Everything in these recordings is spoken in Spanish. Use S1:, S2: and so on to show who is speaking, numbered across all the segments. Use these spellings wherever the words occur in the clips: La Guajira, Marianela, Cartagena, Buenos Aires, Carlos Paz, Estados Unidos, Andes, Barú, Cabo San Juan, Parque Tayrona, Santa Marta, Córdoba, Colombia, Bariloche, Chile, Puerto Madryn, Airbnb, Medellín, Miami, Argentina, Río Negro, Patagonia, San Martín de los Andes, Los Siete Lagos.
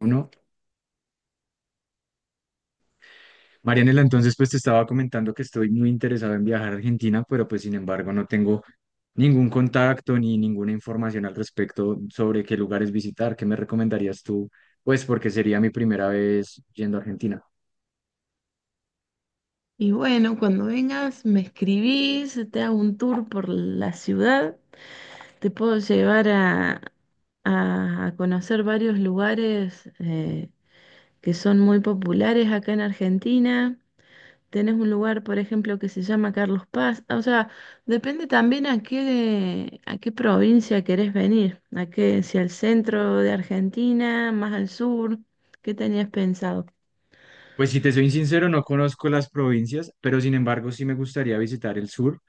S1: Uno, Marianela, entonces pues te estaba comentando que estoy muy interesado en viajar a Argentina, pero pues sin embargo no tengo ningún contacto ni ninguna información al respecto sobre qué lugares visitar. ¿Qué me recomendarías tú? Pues porque sería mi primera vez yendo a Argentina.
S2: Y bueno, cuando vengas me escribís, te hago un tour por la ciudad, te puedo llevar a conocer varios lugares que son muy populares acá en Argentina. Tenés un lugar, por ejemplo, que se llama Carlos Paz. Ah, o sea, depende también a qué provincia querés venir, a qué, si al centro de Argentina, más al sur, ¿qué tenías pensado?
S1: Pues si te soy sincero, no conozco las provincias, pero sin embargo sí me gustaría visitar el sur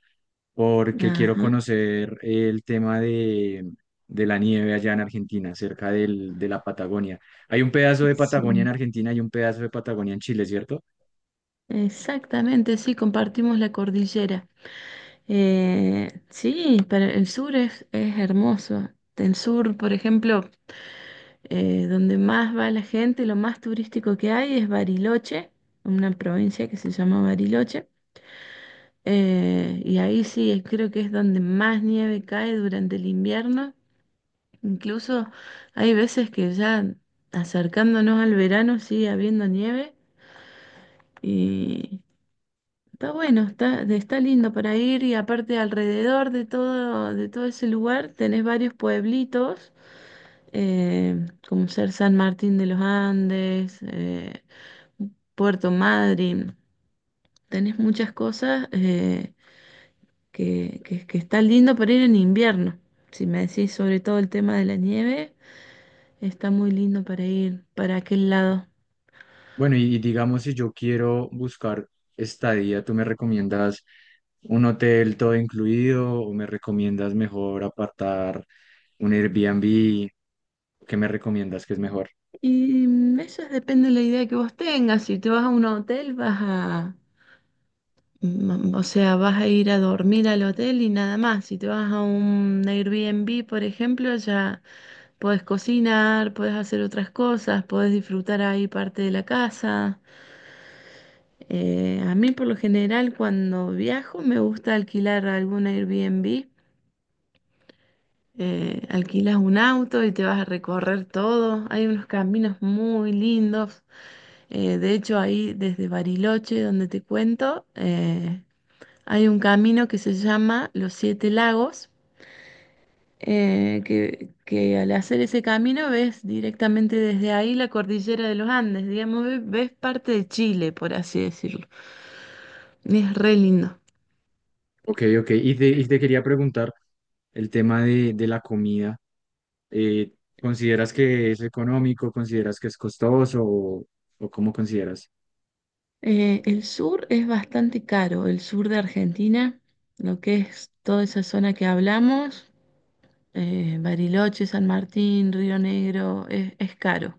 S1: porque quiero
S2: Ajá,
S1: conocer el tema de la nieve allá en Argentina, cerca de la Patagonia. Hay un pedazo de Patagonia
S2: sí.
S1: en Argentina y un pedazo de Patagonia en Chile, ¿cierto?
S2: Exactamente, sí, compartimos la cordillera. Sí, pero el sur es hermoso. El sur, por ejemplo, donde más va la gente, lo más turístico que hay es Bariloche, una provincia que se llama Bariloche. Y ahí sí, creo que es donde más nieve cae durante el invierno. Incluso hay veces que ya acercándonos al verano sigue habiendo nieve. Está bueno, está lindo para ir y aparte alrededor de todo ese lugar tenés varios pueblitos, como ser San Martín de los Andes, Puerto Madryn, tenés muchas cosas que está lindo para ir en invierno. Si me decís sobre todo el tema de la nieve, está muy lindo para ir para aquel lado.
S1: Bueno, y digamos, si yo quiero buscar estadía, ¿tú me recomiendas un hotel todo incluido o me recomiendas mejor apartar un Airbnb? ¿Qué me recomiendas que es mejor?
S2: Y eso depende de la idea que vos tengas, si te vas a un hotel vas a... Mm, o sea, vas a ir a dormir al hotel y nada más. Si te vas a un Airbnb, por ejemplo, ya podés cocinar, podés hacer otras cosas, podés disfrutar ahí parte de la casa. A mí, por lo general, cuando viajo, me gusta alquilar algún Airbnb. Alquilas un auto y te vas a recorrer todo. Hay unos caminos muy lindos. De hecho, ahí desde Bariloche, donde te cuento, hay un camino que se llama Los Siete Lagos, que al hacer ese camino ves directamente desde ahí la cordillera de los Andes, digamos, ves parte de Chile, por así decirlo. Es re lindo.
S1: Ok, ok. Y te quería preguntar el tema de la comida. eh, ¿Consideras que es económico? ¿Consideras que es costoso? O cómo consideras?
S2: El sur es bastante caro, el sur de Argentina, lo que es toda esa zona que hablamos, Bariloche, San Martín, Río Negro, es caro.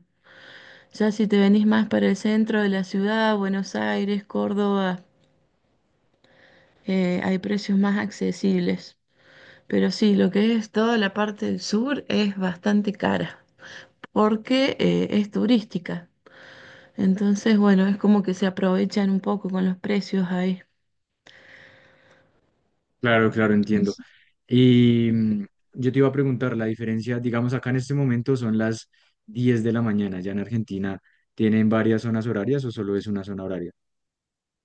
S2: Ya si te venís más para el centro de la ciudad, Buenos Aires, Córdoba. Hay precios más accesibles. Pero sí, lo que es toda la parte del sur es bastante cara porque es turística. Entonces, bueno, es como que se aprovechan un poco con los precios ahí.
S1: Claro, claro,
S2: Y
S1: entiendo.
S2: s-
S1: Y yo te iba a preguntar la diferencia, digamos, acá en este momento son las 10 de la mañana, ya en Argentina tienen varias zonas horarias o solo es una zona horaria.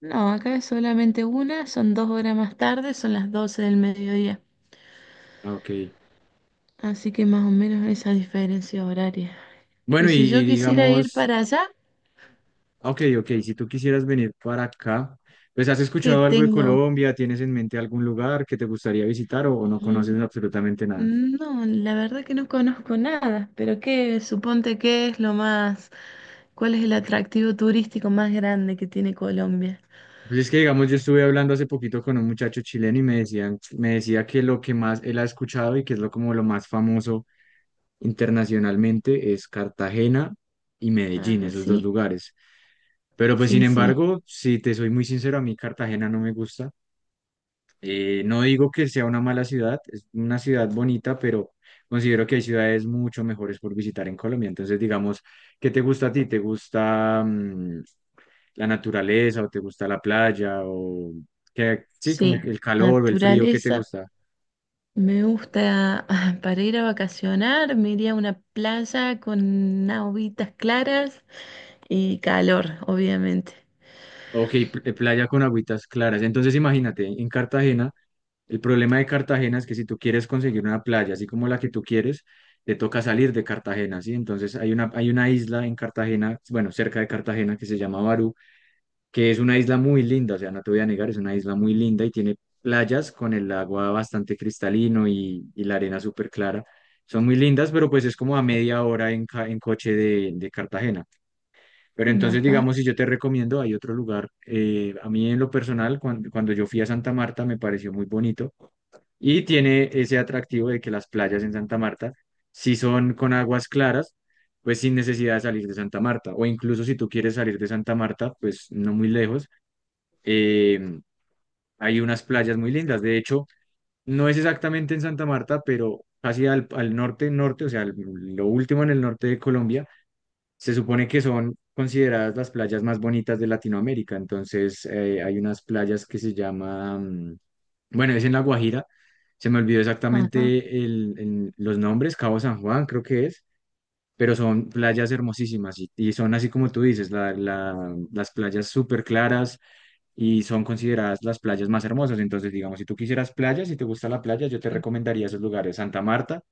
S2: No, acá es solamente una, son dos horas más tarde, son las 12 del mediodía.
S1: Ah, ok.
S2: Así que más o menos esa diferencia horaria.
S1: Bueno,
S2: Y si
S1: y
S2: yo quisiera ir
S1: digamos,
S2: para allá,
S1: ok, ok, si tú quisieras venir para acá, pues ¿has
S2: ¿qué
S1: escuchado algo de
S2: tengo?
S1: Colombia? ¿Tienes en mente algún lugar que te gustaría visitar o no conoces
S2: Mm,
S1: absolutamente nada?
S2: no, la verdad que no conozco nada, pero qué, suponte qué es lo más, cuál es el atractivo turístico más grande que tiene Colombia.
S1: Pues es que, digamos, yo estuve hablando hace poquito con un muchacho chileno y me decía que lo que más él ha escuchado y que es lo como lo más famoso internacionalmente es Cartagena y Medellín,
S2: Ah,
S1: esos dos
S2: sí,
S1: lugares. Pero pues sin
S2: sí, sí,
S1: embargo, si te soy muy sincero, a mí Cartagena no me gusta. No digo que sea una mala ciudad, es una ciudad bonita, pero considero que hay ciudades mucho mejores por visitar en Colombia. Entonces, digamos, ¿qué te gusta a ti? ¿Te gusta la naturaleza o te gusta la playa o que sí,
S2: sí.
S1: como que el calor o el frío? ¿Qué te
S2: Naturaleza.
S1: gusta?
S2: Me gusta ah, para ir a vacacionar, me iría a una playa con aguitas claras y calor, obviamente.
S1: Ok, playa con agüitas claras. Entonces, imagínate, en Cartagena, el problema de Cartagena es que si tú quieres conseguir una playa así como la que tú quieres, te toca salir de Cartagena, ¿sí? Entonces hay una isla en Cartagena, bueno, cerca de Cartagena que se llama Barú, que es una isla muy linda, o sea, no te voy a negar, es una isla muy linda y tiene playas con el agua bastante cristalino y la arena súper clara. Son muy lindas, pero pues es como a media hora en coche de Cartagena. Pero entonces,
S2: Ajá,
S1: digamos, si yo te recomiendo, hay otro lugar. A mí en lo personal, cuando yo fui a Santa Marta, me pareció muy bonito y tiene ese atractivo de que las playas en Santa Marta, si son con aguas claras, pues sin necesidad de salir de Santa Marta. O incluso si tú quieres salir de Santa Marta, pues no muy lejos, eh, hay unas playas muy lindas. De hecho, no es exactamente en Santa Marta, pero casi al, al norte, norte, o sea, lo último en el norte de Colombia, se supone que son consideradas las playas más bonitas de Latinoamérica. Entonces, hay unas playas que se llaman, bueno, es en La Guajira. Se me olvidó
S2: ajá,
S1: exactamente los nombres, Cabo San Juan creo que es, pero son playas hermosísimas y son así como tú dices, las playas súper claras y son consideradas las playas más hermosas. Entonces, digamos, si tú quisieras playas, si te gusta la playa, yo te recomendaría esos lugares. Santa Marta,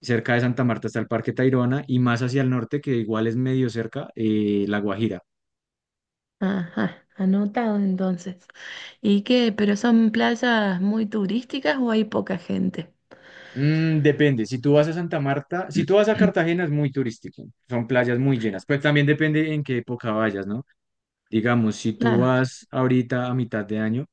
S1: cerca de Santa Marta está el Parque Tayrona y más hacia el norte, que igual es medio cerca, La Guajira.
S2: ajá. Anotado entonces. ¿Y qué? ¿Pero son playas muy turísticas o hay poca gente?
S1: Mm, depende, si tú vas a Santa Marta, si tú vas a Cartagena es muy turístico, son playas muy llenas, pero también depende en qué época vayas, ¿no? Digamos, si tú
S2: Claro,
S1: vas ahorita a mitad de año,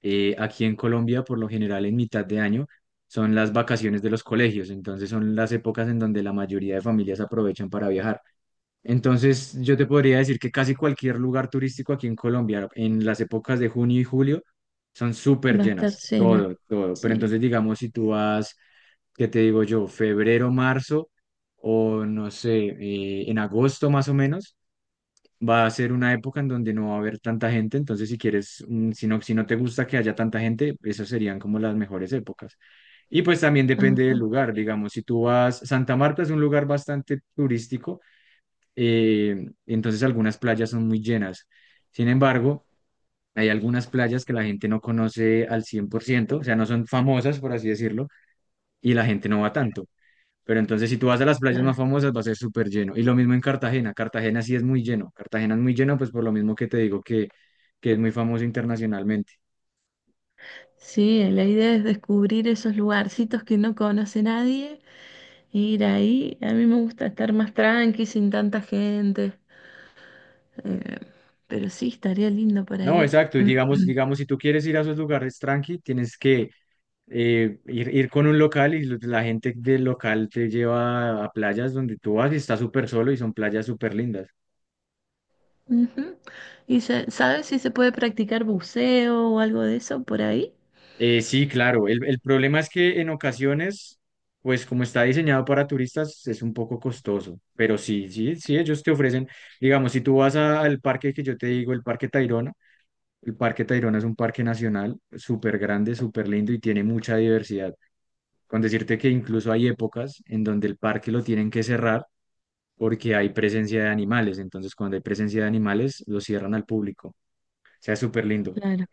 S1: aquí en Colombia por lo general en mitad de año son las vacaciones de los colegios, entonces son las épocas en donde la mayoría de familias aprovechan para viajar. Entonces yo te podría decir que casi cualquier lugar turístico aquí en Colombia en las épocas de junio y julio son súper
S2: va a estar
S1: llenas,
S2: lleno.
S1: todo, todo, pero
S2: Sí,
S1: entonces digamos si tú vas, ¿qué te digo yo? Febrero, marzo o no sé, en agosto más o menos, va a ser una época en donde no va a haber tanta gente. Entonces, si quieres, si no, si no te gusta que haya tanta gente, esas serían como las mejores épocas. Y pues también depende del
S2: ajá,
S1: lugar, digamos, si tú vas, Santa Marta es un lugar bastante turístico, entonces algunas playas son muy llenas. Sin embargo, hay algunas playas que la gente no conoce al 100%, o sea, no son famosas, por así decirlo, y la gente no va tanto. Pero entonces si tú vas a las playas más
S2: claro.
S1: famosas va a ser súper lleno. Y lo mismo en Cartagena. Cartagena sí es muy lleno. Cartagena es muy lleno pues por lo mismo que te digo que es muy famoso internacionalmente.
S2: Sí, la idea es descubrir esos lugarcitos que no conoce nadie, e ir ahí. A mí me gusta estar más tranqui, sin tanta gente. eh, pero sí, estaría lindo para
S1: No,
S2: ir.
S1: exacto. Y digamos, digamos, si tú quieres ir a esos lugares tranqui, tienes que ir con un local y la gente del local te lleva a playas donde tú vas y está súper solo y son playas súper lindas.
S2: Ujú. Sabes si se puede practicar buceo o algo de eso por ahí?
S1: Sí, claro. El problema es que en ocasiones, pues como está diseñado para turistas, es un poco costoso. Pero sí, sí, sí, ellos te ofrecen, digamos, si tú vas al parque que yo te digo, el Parque Tayrona es un parque nacional súper grande, súper lindo y tiene mucha diversidad. Con decirte que incluso hay épocas en donde el parque lo tienen que cerrar porque hay presencia de animales. Entonces, cuando hay presencia de animales, lo cierran al público. O sea, súper lindo.
S2: Claro.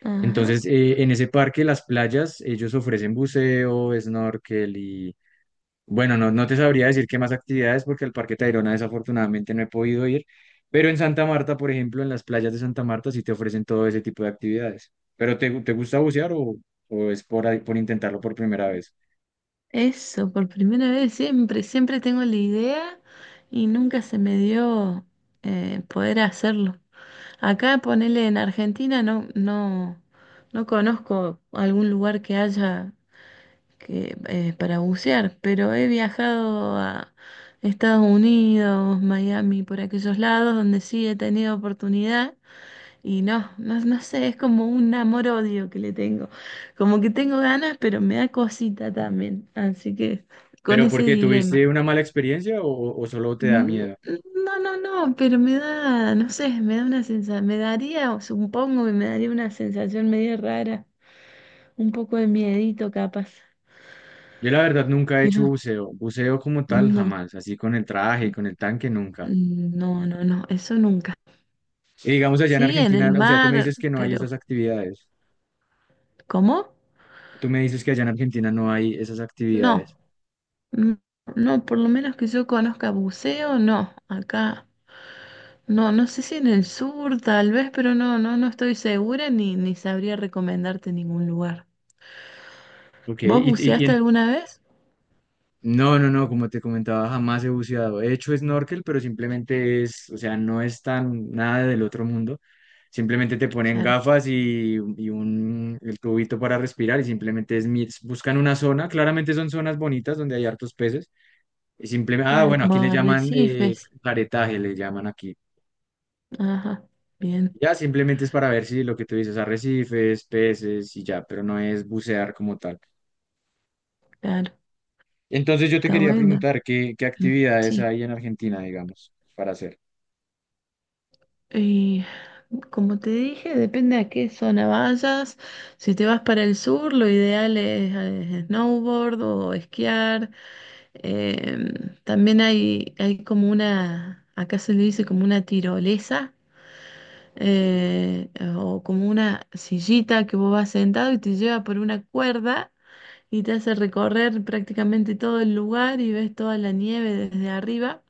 S2: Ajá.
S1: Entonces, en ese parque, las playas, ellos ofrecen buceo, snorkel y, bueno, no, no te sabría decir qué más actividades porque al Parque Tayrona desafortunadamente no he podido ir, pero en Santa Marta, por ejemplo, en las playas de Santa Marta sí te ofrecen todo ese tipo de actividades. ¿Pero te gusta bucear o es por, por intentarlo por primera vez?
S2: Eso, por primera vez, siempre, siempre tengo la idea y nunca se me dio poder hacerlo. Acá ponele en Argentina no conozco algún lugar que haya que, para bucear, pero he viajado a Estados Unidos, Miami, por aquellos lados donde sí he tenido oportunidad y no sé, es como un amor-odio que le tengo. Como que tengo ganas, pero me da cosita también, así que con
S1: ¿Pero por
S2: ese
S1: qué?
S2: dilema.
S1: ¿Tuviste una mala experiencia o solo te da
S2: Mm,
S1: miedo?
S2: no, no, no, pero me da, no sé, me da una sensación, me daría, o supongo que me daría una sensación medio rara, un poco de miedito capaz,
S1: Yo la verdad nunca he hecho
S2: pero
S1: buceo, buceo como tal
S2: no,
S1: jamás, así con el traje, y
S2: mm,
S1: con el tanque, nunca.
S2: no, no, no, eso nunca.
S1: Y digamos allá en
S2: Sí, en
S1: Argentina,
S2: el
S1: o sea, tú me
S2: mar,
S1: dices que no hay
S2: pero
S1: esas actividades.
S2: ¿cómo?
S1: Tú me dices que allá en Argentina no hay esas
S2: No,
S1: actividades.
S2: mm, no, por lo menos que yo conozca buceo, no, acá, no, no sé si en el sur tal vez, pero no estoy segura ni sabría recomendarte ningún lugar.
S1: Ok, y,
S2: ¿Vos
S1: y
S2: buceaste
S1: en-
S2: alguna vez?
S1: no, no, no, como te comentaba, jamás he buceado. He hecho snorkel, pero simplemente es, o sea, no es tan nada del otro mundo. Simplemente te ponen
S2: Claro.
S1: gafas y un, el tubito para respirar y simplemente es, buscan una zona. Claramente son zonas bonitas donde hay hartos peces. Y simplemente, ah,
S2: Claro,
S1: bueno,
S2: como
S1: aquí le llaman
S2: arrecifes.
S1: caretaje, le llaman aquí.
S2: Ajá, bien,
S1: Ya simplemente es para ver si lo que tú dices, arrecifes, peces y ya, pero no es bucear como tal.
S2: claro,
S1: Entonces yo te
S2: está
S1: quería
S2: bueno.
S1: preguntar, ¿qué, qué
S2: Mm,
S1: actividades
S2: sí.
S1: hay en Argentina, digamos, para hacer?
S2: Y como te dije, depende a qué zona vayas. Si te vas para el sur, lo ideal es, snowboard o esquiar. Em, también hay como una, acá se le dice como una tirolesa. eh, o como una sillita que vos vas sentado y te lleva por una cuerda y te hace recorrer prácticamente todo el lugar y ves toda la nieve desde arriba.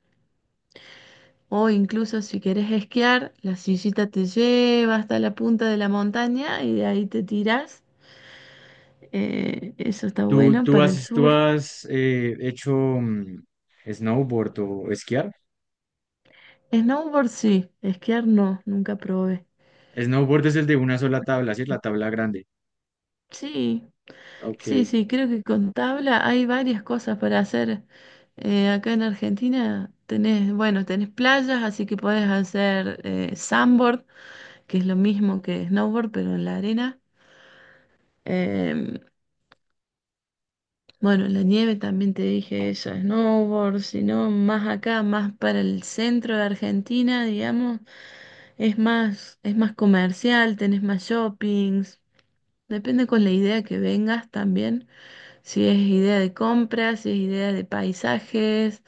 S2: O incluso si querés esquiar, la sillita te lleva hasta la punta de la montaña y de ahí te tirás. Eso está bueno para el
S1: Tú
S2: sur.
S1: has hecho snowboard o esquiar?
S2: Snowboard sí, esquiar no, nunca probé.
S1: Snowboard es el de una sola tabla, ¿sí? La tabla grande.
S2: Sí,
S1: Ok.
S2: sí, sí, creo que con tabla hay varias cosas para hacer. Acá en Argentina tenés, bueno, tenés playas, así que podés hacer sandboard, que es lo mismo que snowboard, pero en la arena. Em, bueno, en la nieve también te dije eso, snowboard, sino más acá, más para el centro de Argentina, digamos, es más comercial, tenés más shoppings. Depende con la idea que vengas también, si es idea de compras, si es idea de paisajes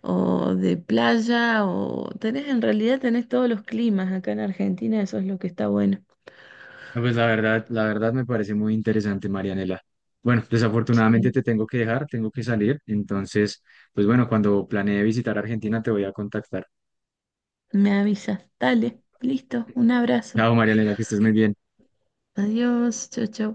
S2: o de playa, o tenés, en realidad tenés todos los climas acá en Argentina, eso es lo que está bueno.
S1: No, pues la verdad me parece muy interesante, Marianela. Bueno, desafortunadamente
S2: Sí.
S1: te tengo que dejar, tengo que salir. Entonces, pues bueno, cuando planee visitar Argentina te voy a contactar.
S2: Me avisas. Dale, listo. Un abrazo.
S1: Chao, María Elena, que estés muy bien.
S2: Adiós. Chau, chau.